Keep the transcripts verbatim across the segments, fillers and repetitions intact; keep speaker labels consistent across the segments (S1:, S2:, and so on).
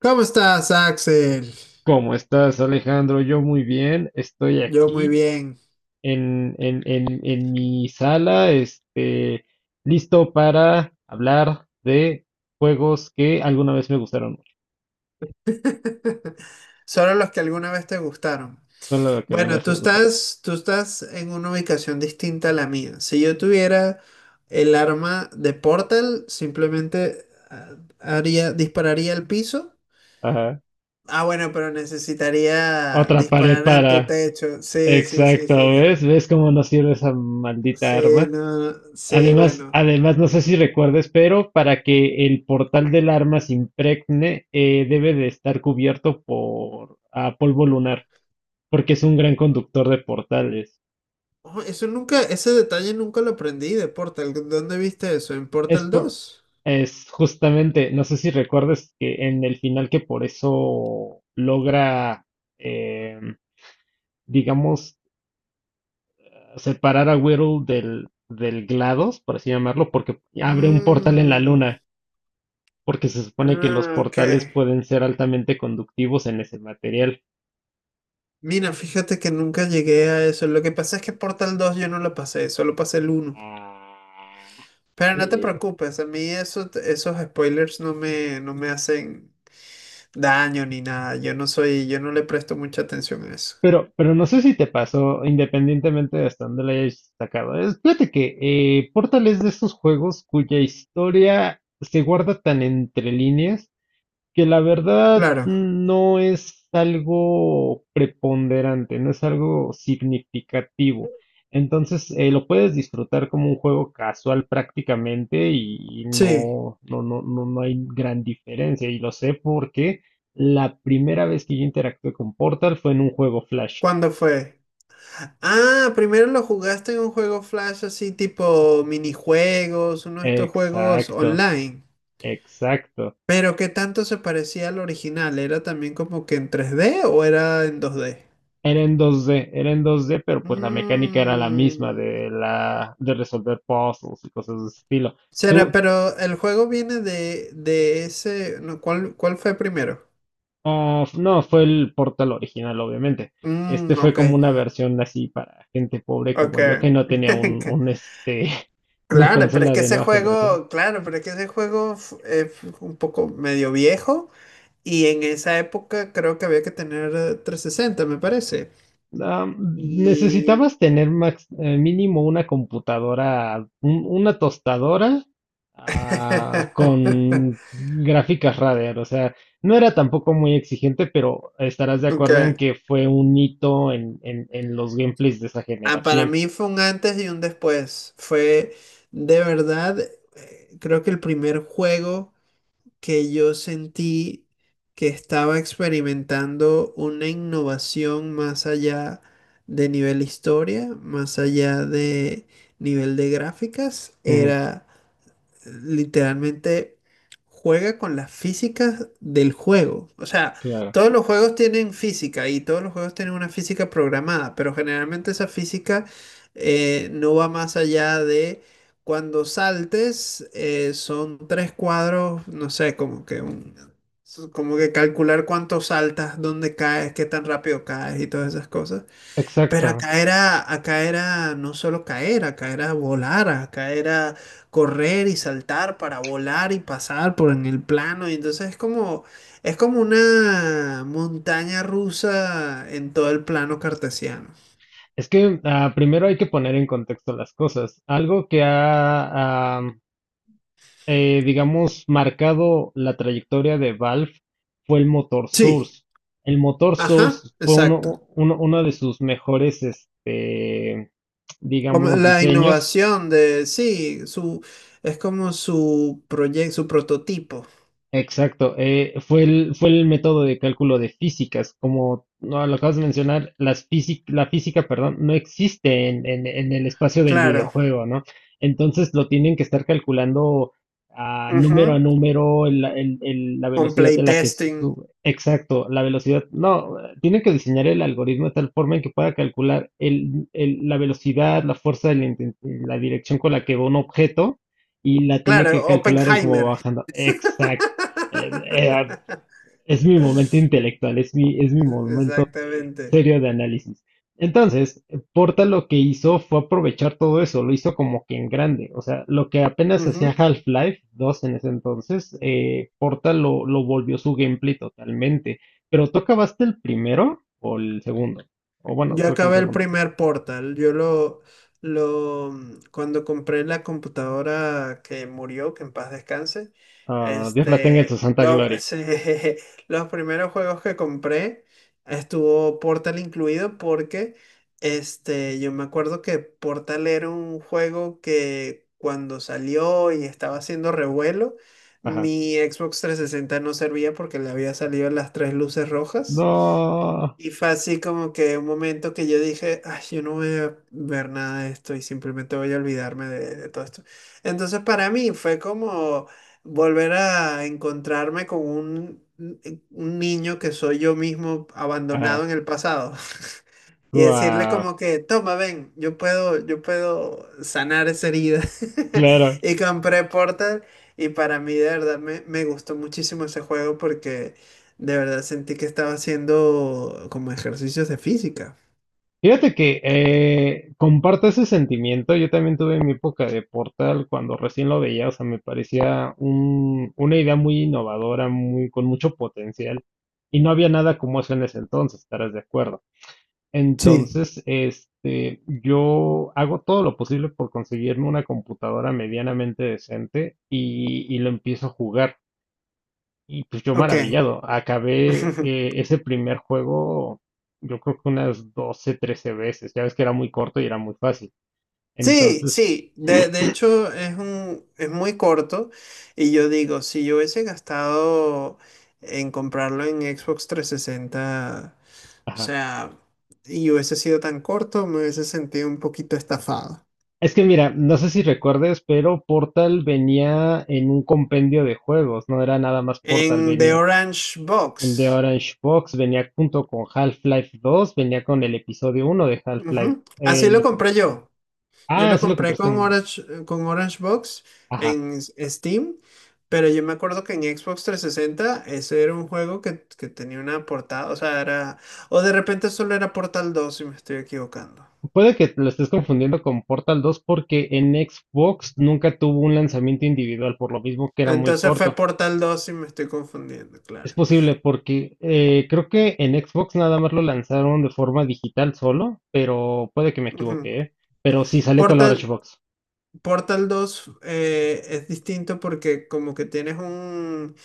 S1: ¿Cómo estás, Axel?
S2: ¿Cómo estás, Alejandro? Yo muy bien, estoy
S1: Yo muy
S2: aquí
S1: bien.
S2: en, en, en, en mi sala, este, listo para hablar de juegos que alguna vez me gustaron mucho,
S1: Solo los que alguna vez te gustaron.
S2: solo que alguna
S1: Bueno,
S2: vez
S1: tú
S2: me gustaron.
S1: estás, tú estás en una ubicación distinta a la mía. Si yo tuviera el arma de Portal, simplemente ah, haría, dispararía al piso.
S2: Ajá.
S1: Ah, bueno, pero necesitaría
S2: Otra pared
S1: disparar en tu
S2: para...
S1: techo. Sí, sí, sí,
S2: Exacto,
S1: sí, sí.
S2: ¿ves? ¿Ves cómo nos sirve esa maldita
S1: Sí,
S2: arma?
S1: no, no, sí,
S2: Además,
S1: bueno.
S2: además, no sé si recuerdes, pero para que el portal del arma se impregne, eh, debe de estar cubierto por ah, polvo lunar. Porque es un gran conductor de portales.
S1: Oh, eso nunca, ese detalle nunca lo aprendí de Portal. ¿Dónde viste eso? ¿En
S2: Es,
S1: Portal
S2: por-
S1: dos.
S2: es justamente, no sé si recuerdes que en el final que por eso logra, em, digamos, separar a Whirl del, del GLaDOS, por así llamarlo, porque abre un portal en la
S1: Mm,
S2: luna, porque se supone que los
S1: ah, ok.
S2: portales pueden ser altamente conductivos en ese material.
S1: Mira, fíjate que nunca llegué a eso. Lo que pasa es que Portal dos yo no lo pasé, solo pasé el uno.
S2: Ah.
S1: Pero no te
S2: Eh,
S1: preocupes, a mí eso- esos spoilers no me, no me hacen daño ni nada. Yo no soy, yo no le presto mucha atención a eso.
S2: Pero, pero no sé si te pasó, independientemente de hasta dónde la hayas sacado. Es, fíjate que eh, Portal es de esos juegos cuya historia se guarda tan entre líneas que la verdad
S1: Claro.
S2: no es algo preponderante, no es algo significativo. Entonces, eh, lo puedes disfrutar como un juego casual prácticamente y y
S1: Sí.
S2: no, no, no, no, no hay gran diferencia. Y lo sé porque la primera vez que yo interactué con Portal fue en un juego Flash.
S1: ¿Cuándo fue? Ah, primero lo jugaste en un juego Flash así tipo minijuegos, uno de estos juegos
S2: Exacto,
S1: online.
S2: exacto.
S1: Pero ¿qué tanto se parecía al original? ¿Era también como que en tres d o era en dos d?
S2: Era en dos D, era en dos D, pero pues la mecánica era la misma
S1: Mm,
S2: de la de resolver puzzles y cosas de ese estilo.
S1: será,
S2: Tú,
S1: pero el juego viene de, de ese... no, ¿cuál, cuál fue primero?
S2: ah, f- no, fue el Portal original, obviamente. Este
S1: Mm,
S2: fue
S1: ok,
S2: como una versión así para gente pobre
S1: ok.
S2: como yo que no tenía un, un este una
S1: Claro, pero es
S2: consola
S1: que
S2: de
S1: ese
S2: nueva generación.
S1: juego, claro, pero es que ese juego fu- eh, fu- un poco medio viejo y en esa época creo que había que tener eh, trescientos sesenta, me parece.
S2: Ah,
S1: Y...
S2: necesitabas tener max- eh, mínimo una computadora, un- una tostadora ah, con gráficas Radeon. O sea, no era tampoco muy exigente, pero estarás de
S1: Ok.
S2: acuerdo en que fue un hito en, en, en los gameplays de esa
S1: Ah, para
S2: generación.
S1: mí fue un antes y un después. Fue de verdad, creo que el primer juego que yo sentí que estaba experimentando una innovación más allá de nivel historia, más allá de nivel de gráficas,
S2: Ujú.
S1: era literalmente juega con las físicas del juego. O sea,
S2: Claro.
S1: todos los juegos tienen física y todos los juegos tienen una física programada, pero generalmente esa física eh, no va más allá de cuando saltes, eh, son tres cuadros, no sé, como que un- como que calcular cuánto saltas, dónde caes, qué tan rápido caes y todas esas cosas.
S2: Exacto.
S1: Pero acá era, acá era no solo caer, acá era volar, acá era correr y saltar para volar y pasar por en el plano. Y entonces es como, es como una montaña rusa en todo el plano cartesiano.
S2: Es que ah, primero hay que poner en contexto las cosas. Algo que ha, ah, eh, digamos, marcado la trayectoria de Valve fue el motor
S1: Sí,
S2: Source. El motor
S1: ajá,
S2: Source fue
S1: exacto.
S2: uno, uno, uno de sus mejores, este,
S1: Como
S2: digamos,
S1: la
S2: diseños.
S1: innovación de, sí, su, es como su proyecto, su prototipo.
S2: Exacto, eh, fue el, fue el método de cálculo de físicas. Como no, lo acabas de mencionar, las físi- la física, perdón, no existe en, en- en el espacio del
S1: Claro.
S2: videojuego, ¿no? Entonces lo tienen que estar calculando a número a
S1: Ujú.
S2: número, el- el- el- la
S1: Con
S2: velocidad de la que
S1: playtesting.
S2: sube. Exacto, la velocidad. No, eh, tienen que diseñar el algoritmo de tal forma en que pueda calcular el- el- la velocidad, la fuerza, la inten- la dirección con la que va un objeto y la tiene que
S1: Claro,
S2: calcular en cómo va
S1: Oppenheimer.
S2: bajando. Eh, eh, es mi momento intelectual, es mi, es mi momento eh,
S1: Exactamente.
S2: serio de análisis. Entonces, Porta lo que hizo fue aprovechar todo eso, lo hizo como que en grande. O sea, lo que apenas hacía
S1: Ujú.
S2: Half-Life dos en ese entonces, eh, Porta lo, lo volvió su gameplay totalmente. Pero ¿tú acabaste el primero o el segundo? O bueno,
S1: Yo
S2: creo que el
S1: acabé el
S2: segundo.
S1: primer Portal. Yo lo, lo, mm, cuando compré la computadora que murió, que en paz descanse,
S2: Ah, Dios la tenga en su
S1: este,
S2: santa
S1: lo-
S2: gloria.
S1: se- los primeros juegos que compré estuvo Portal incluido porque, este, yo me acuerdo que Portal era un juego que cuando salió y estaba haciendo revuelo,
S2: Ajá.
S1: mi Xbox trescientos sesenta no servía porque le había salido las tres luces rojas.
S2: No.
S1: Y fue así como que un momento que yo dije, ay, yo no voy a ver nada de esto y simplemente voy a olvidarme de, de todo esto. Entonces para mí fue como volver a encontrarme con un, un niño que soy yo mismo abandonado
S2: Ajá.
S1: en el pasado. Y decirle
S2: Guau.
S1: como que, toma, ven, yo puedo, yo puedo sanar esa herida.
S2: Claro.
S1: Y compré Portal y para mí de verdad me, me gustó muchísimo ese juego porque de verdad sentí que estaba haciendo como ejercicios de física.
S2: Fíjate que eh, comparto ese sentimiento. Yo también tuve mi época de Portal cuando recién lo veía, o sea, me parecía un- una idea muy innovadora, muy, con mucho potencial, y no había nada como eso en ese entonces, estarás de acuerdo.
S1: Sí.
S2: Entonces, este, yo hago todo lo posible por conseguirme una computadora medianamente decente y, y lo empiezo a jugar. Y pues yo
S1: Ok.
S2: maravillado, acabé eh, ese primer juego, yo creo que unas doce trece veces, ya ves que era muy corto y era muy fácil.
S1: Sí,
S2: Entonces,
S1: sí, de, de hecho es un, es muy corto y yo digo, si yo hubiese gastado en comprarlo en Xbox trescientos sesenta, o
S2: ajá.
S1: sea, y hubiese sido tan corto, me hubiese sentido un poquito estafado.
S2: Es que mira, no sé si recuerdes, pero Portal venía en un compendio de juegos, no era nada más Portal,
S1: En The
S2: venía
S1: Orange
S2: el de
S1: Box,
S2: Orange Box, venía junto con Half-Life dos, venía con el episodio uno de Half-Life.
S1: ujú,
S2: Eh,
S1: así
S2: el
S1: lo
S2: epi-
S1: compré yo. Yo
S2: ah,
S1: lo
S2: sí lo
S1: compré
S2: compraste
S1: con
S2: en...
S1: Orange, con Orange Box en s- Steam, pero yo me acuerdo que en Xbox trescientos sesenta ese era un juego que, que tenía una portada, o sea, era... O de repente solo era Portal dos si me estoy equivocando.
S2: Puede que lo estés confundiendo con Portal dos porque en Xbox nunca tuvo un lanzamiento individual, por lo mismo que era muy
S1: Entonces fue
S2: corto.
S1: Portal dos si me estoy confundiendo,
S2: Es
S1: claro.
S2: posible porque eh, creo que en Xbox nada más lo lanzaron de forma digital solo, pero puede que me
S1: Ujú.
S2: equivoque, ¿eh? Pero sí salió con la Orange
S1: Portal,
S2: Box.
S1: Portal dos eh, es distinto porque como que tienes un,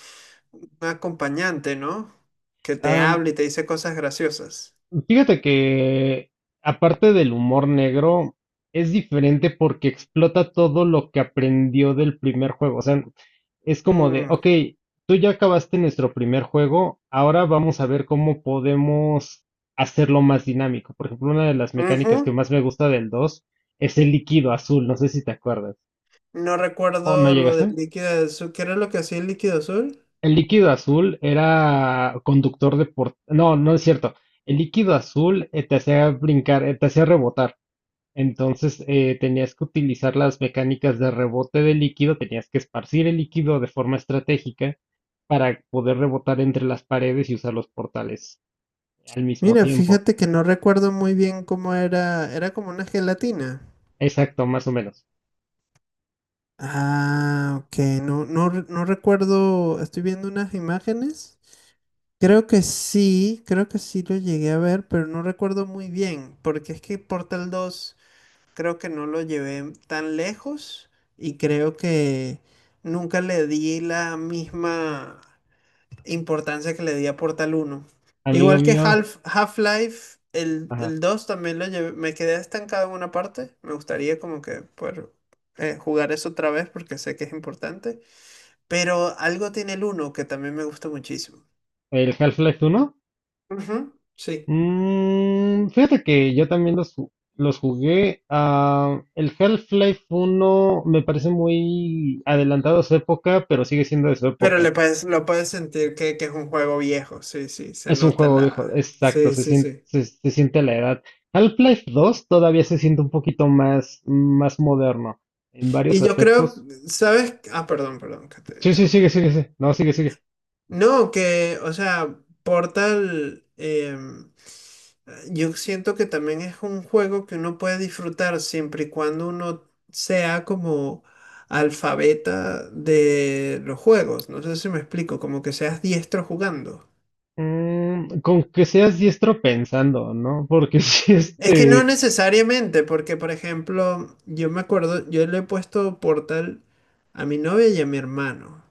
S1: un acompañante, ¿no? Que te habla y te dice cosas graciosas.
S2: Fíjate que, aparte del humor negro, es diferente porque explota todo lo que aprendió del primer juego. O sea, es como de,
S1: Mm,
S2: ok, tú ya acabaste nuestro primer juego, ahora vamos a ver cómo podemos hacerlo más dinámico. Por ejemplo, una de las mecánicas que
S1: ujú.
S2: más me gusta del dos es el líquido azul, no sé si te acuerdas.
S1: No
S2: ¿O no
S1: recuerdo lo del
S2: llegaste?
S1: líquido azul. ¿Qué era lo que hacía el líquido azul?
S2: El líquido azul era conductor de por... No, no es cierto. El líquido azul eh, te hacía brincar, eh, te hacía rebotar. Entonces eh, tenías que utilizar las mecánicas de rebote de líquido, tenías que esparcir el líquido de forma estratégica para poder rebotar entre las paredes y usar los portales al mismo
S1: Mira,
S2: tiempo.
S1: fíjate que no recuerdo muy bien cómo era. Era como una gelatina.
S2: Exacto, más o menos.
S1: Ah, ok. No, no, re- no recuerdo. Estoy viendo unas imágenes. Creo que sí, creo que sí lo llegué a ver, pero no recuerdo muy bien. Porque es que Portal dos, creo que no lo llevé tan lejos. Y creo que nunca le di la misma importancia que le di a Portal uno.
S2: Amigo
S1: Igual que
S2: mío,
S1: Half, Half-Life, el,
S2: ajá,
S1: el dos también lo llevé, me quedé estancado en una parte. Me gustaría como que poder eh, jugar eso otra vez porque sé que es importante. Pero algo tiene el uno que también me gusta muchísimo.
S2: ¿el Half-Life uno?
S1: Ujú, sí.
S2: Mm, fíjate que yo también los, ju- los jugué. Ah, el Half-Life uno me parece muy adelantado a su época, pero sigue siendo de su
S1: Pero
S2: época.
S1: le puedes, lo puedes sentir que, que es un juego viejo. Sí, sí, se
S2: Es un
S1: nota
S2: juego viejo,
S1: la...
S2: exacto,
S1: Sí,
S2: se
S1: sí,
S2: siente,
S1: sí.
S2: se, se siente la edad. Half-Life dos todavía se siente un poquito más, más moderno en varios
S1: Y yo creo,
S2: aspectos.
S1: ¿sabes? Ah, perdón, perdón, que te
S2: Sí, sí, sigue,
S1: interrumpí.
S2: sigue, sigue. No, sigue, sigue.
S1: No, que, o sea, Portal, em, yo siento que también es un juego que uno puede disfrutar siempre y cuando uno sea como alfabeta de los juegos. No sé si me explico, como que seas diestro jugando.
S2: Mm, con que seas diestro pensando, ¿no? Porque si
S1: Es que no
S2: este...
S1: necesariamente, porque por ejemplo, yo me acuerdo, yo le he puesto Portal a mi novia y a mi hermano.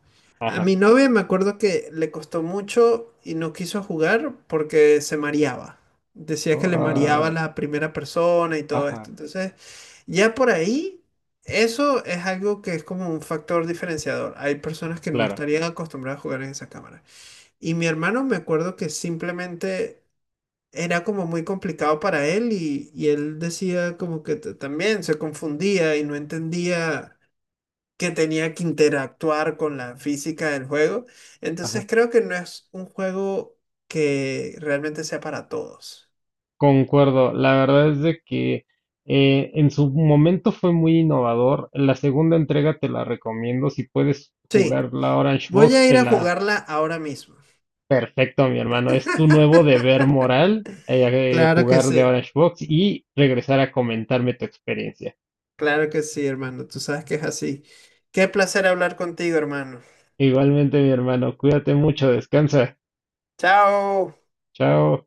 S1: A
S2: Ajá.
S1: mi novia me acuerdo que le costó mucho y no quiso jugar porque se mareaba. Decía que
S2: Oh,
S1: le mareaba
S2: ah,
S1: la primera persona y todo esto.
S2: ajá,
S1: Entonces, ya por ahí, eso es algo que es como un factor diferenciador. Hay personas que no
S2: claro.
S1: estarían acostumbradas a jugar en esa cámara. Y mi hermano me acuerdo que simplemente era como muy complicado para él y, y él decía como que t- también se confundía y no entendía que tenía que interactuar con la física del juego. Entonces
S2: Ajá.
S1: creo que no es un juego que realmente sea para todos.
S2: Concuerdo. La verdad es de que eh, en su momento fue muy innovador. La segunda entrega te la recomiendo. Si puedes
S1: Sí,
S2: jugar la Orange
S1: voy
S2: Box,
S1: a ir
S2: te
S1: a
S2: la.
S1: jugarla ahora mismo.
S2: Perfecto, mi hermano. Es tu nuevo deber moral eh, eh,
S1: Claro que
S2: jugar de
S1: sí,
S2: Orange Box y regresar a comentarme tu experiencia.
S1: claro que sí, hermano. Tú sabes que es así. Qué placer hablar contigo, hermano.
S2: Igualmente, mi hermano, cuídate mucho, descansa.
S1: Chao.
S2: Chao.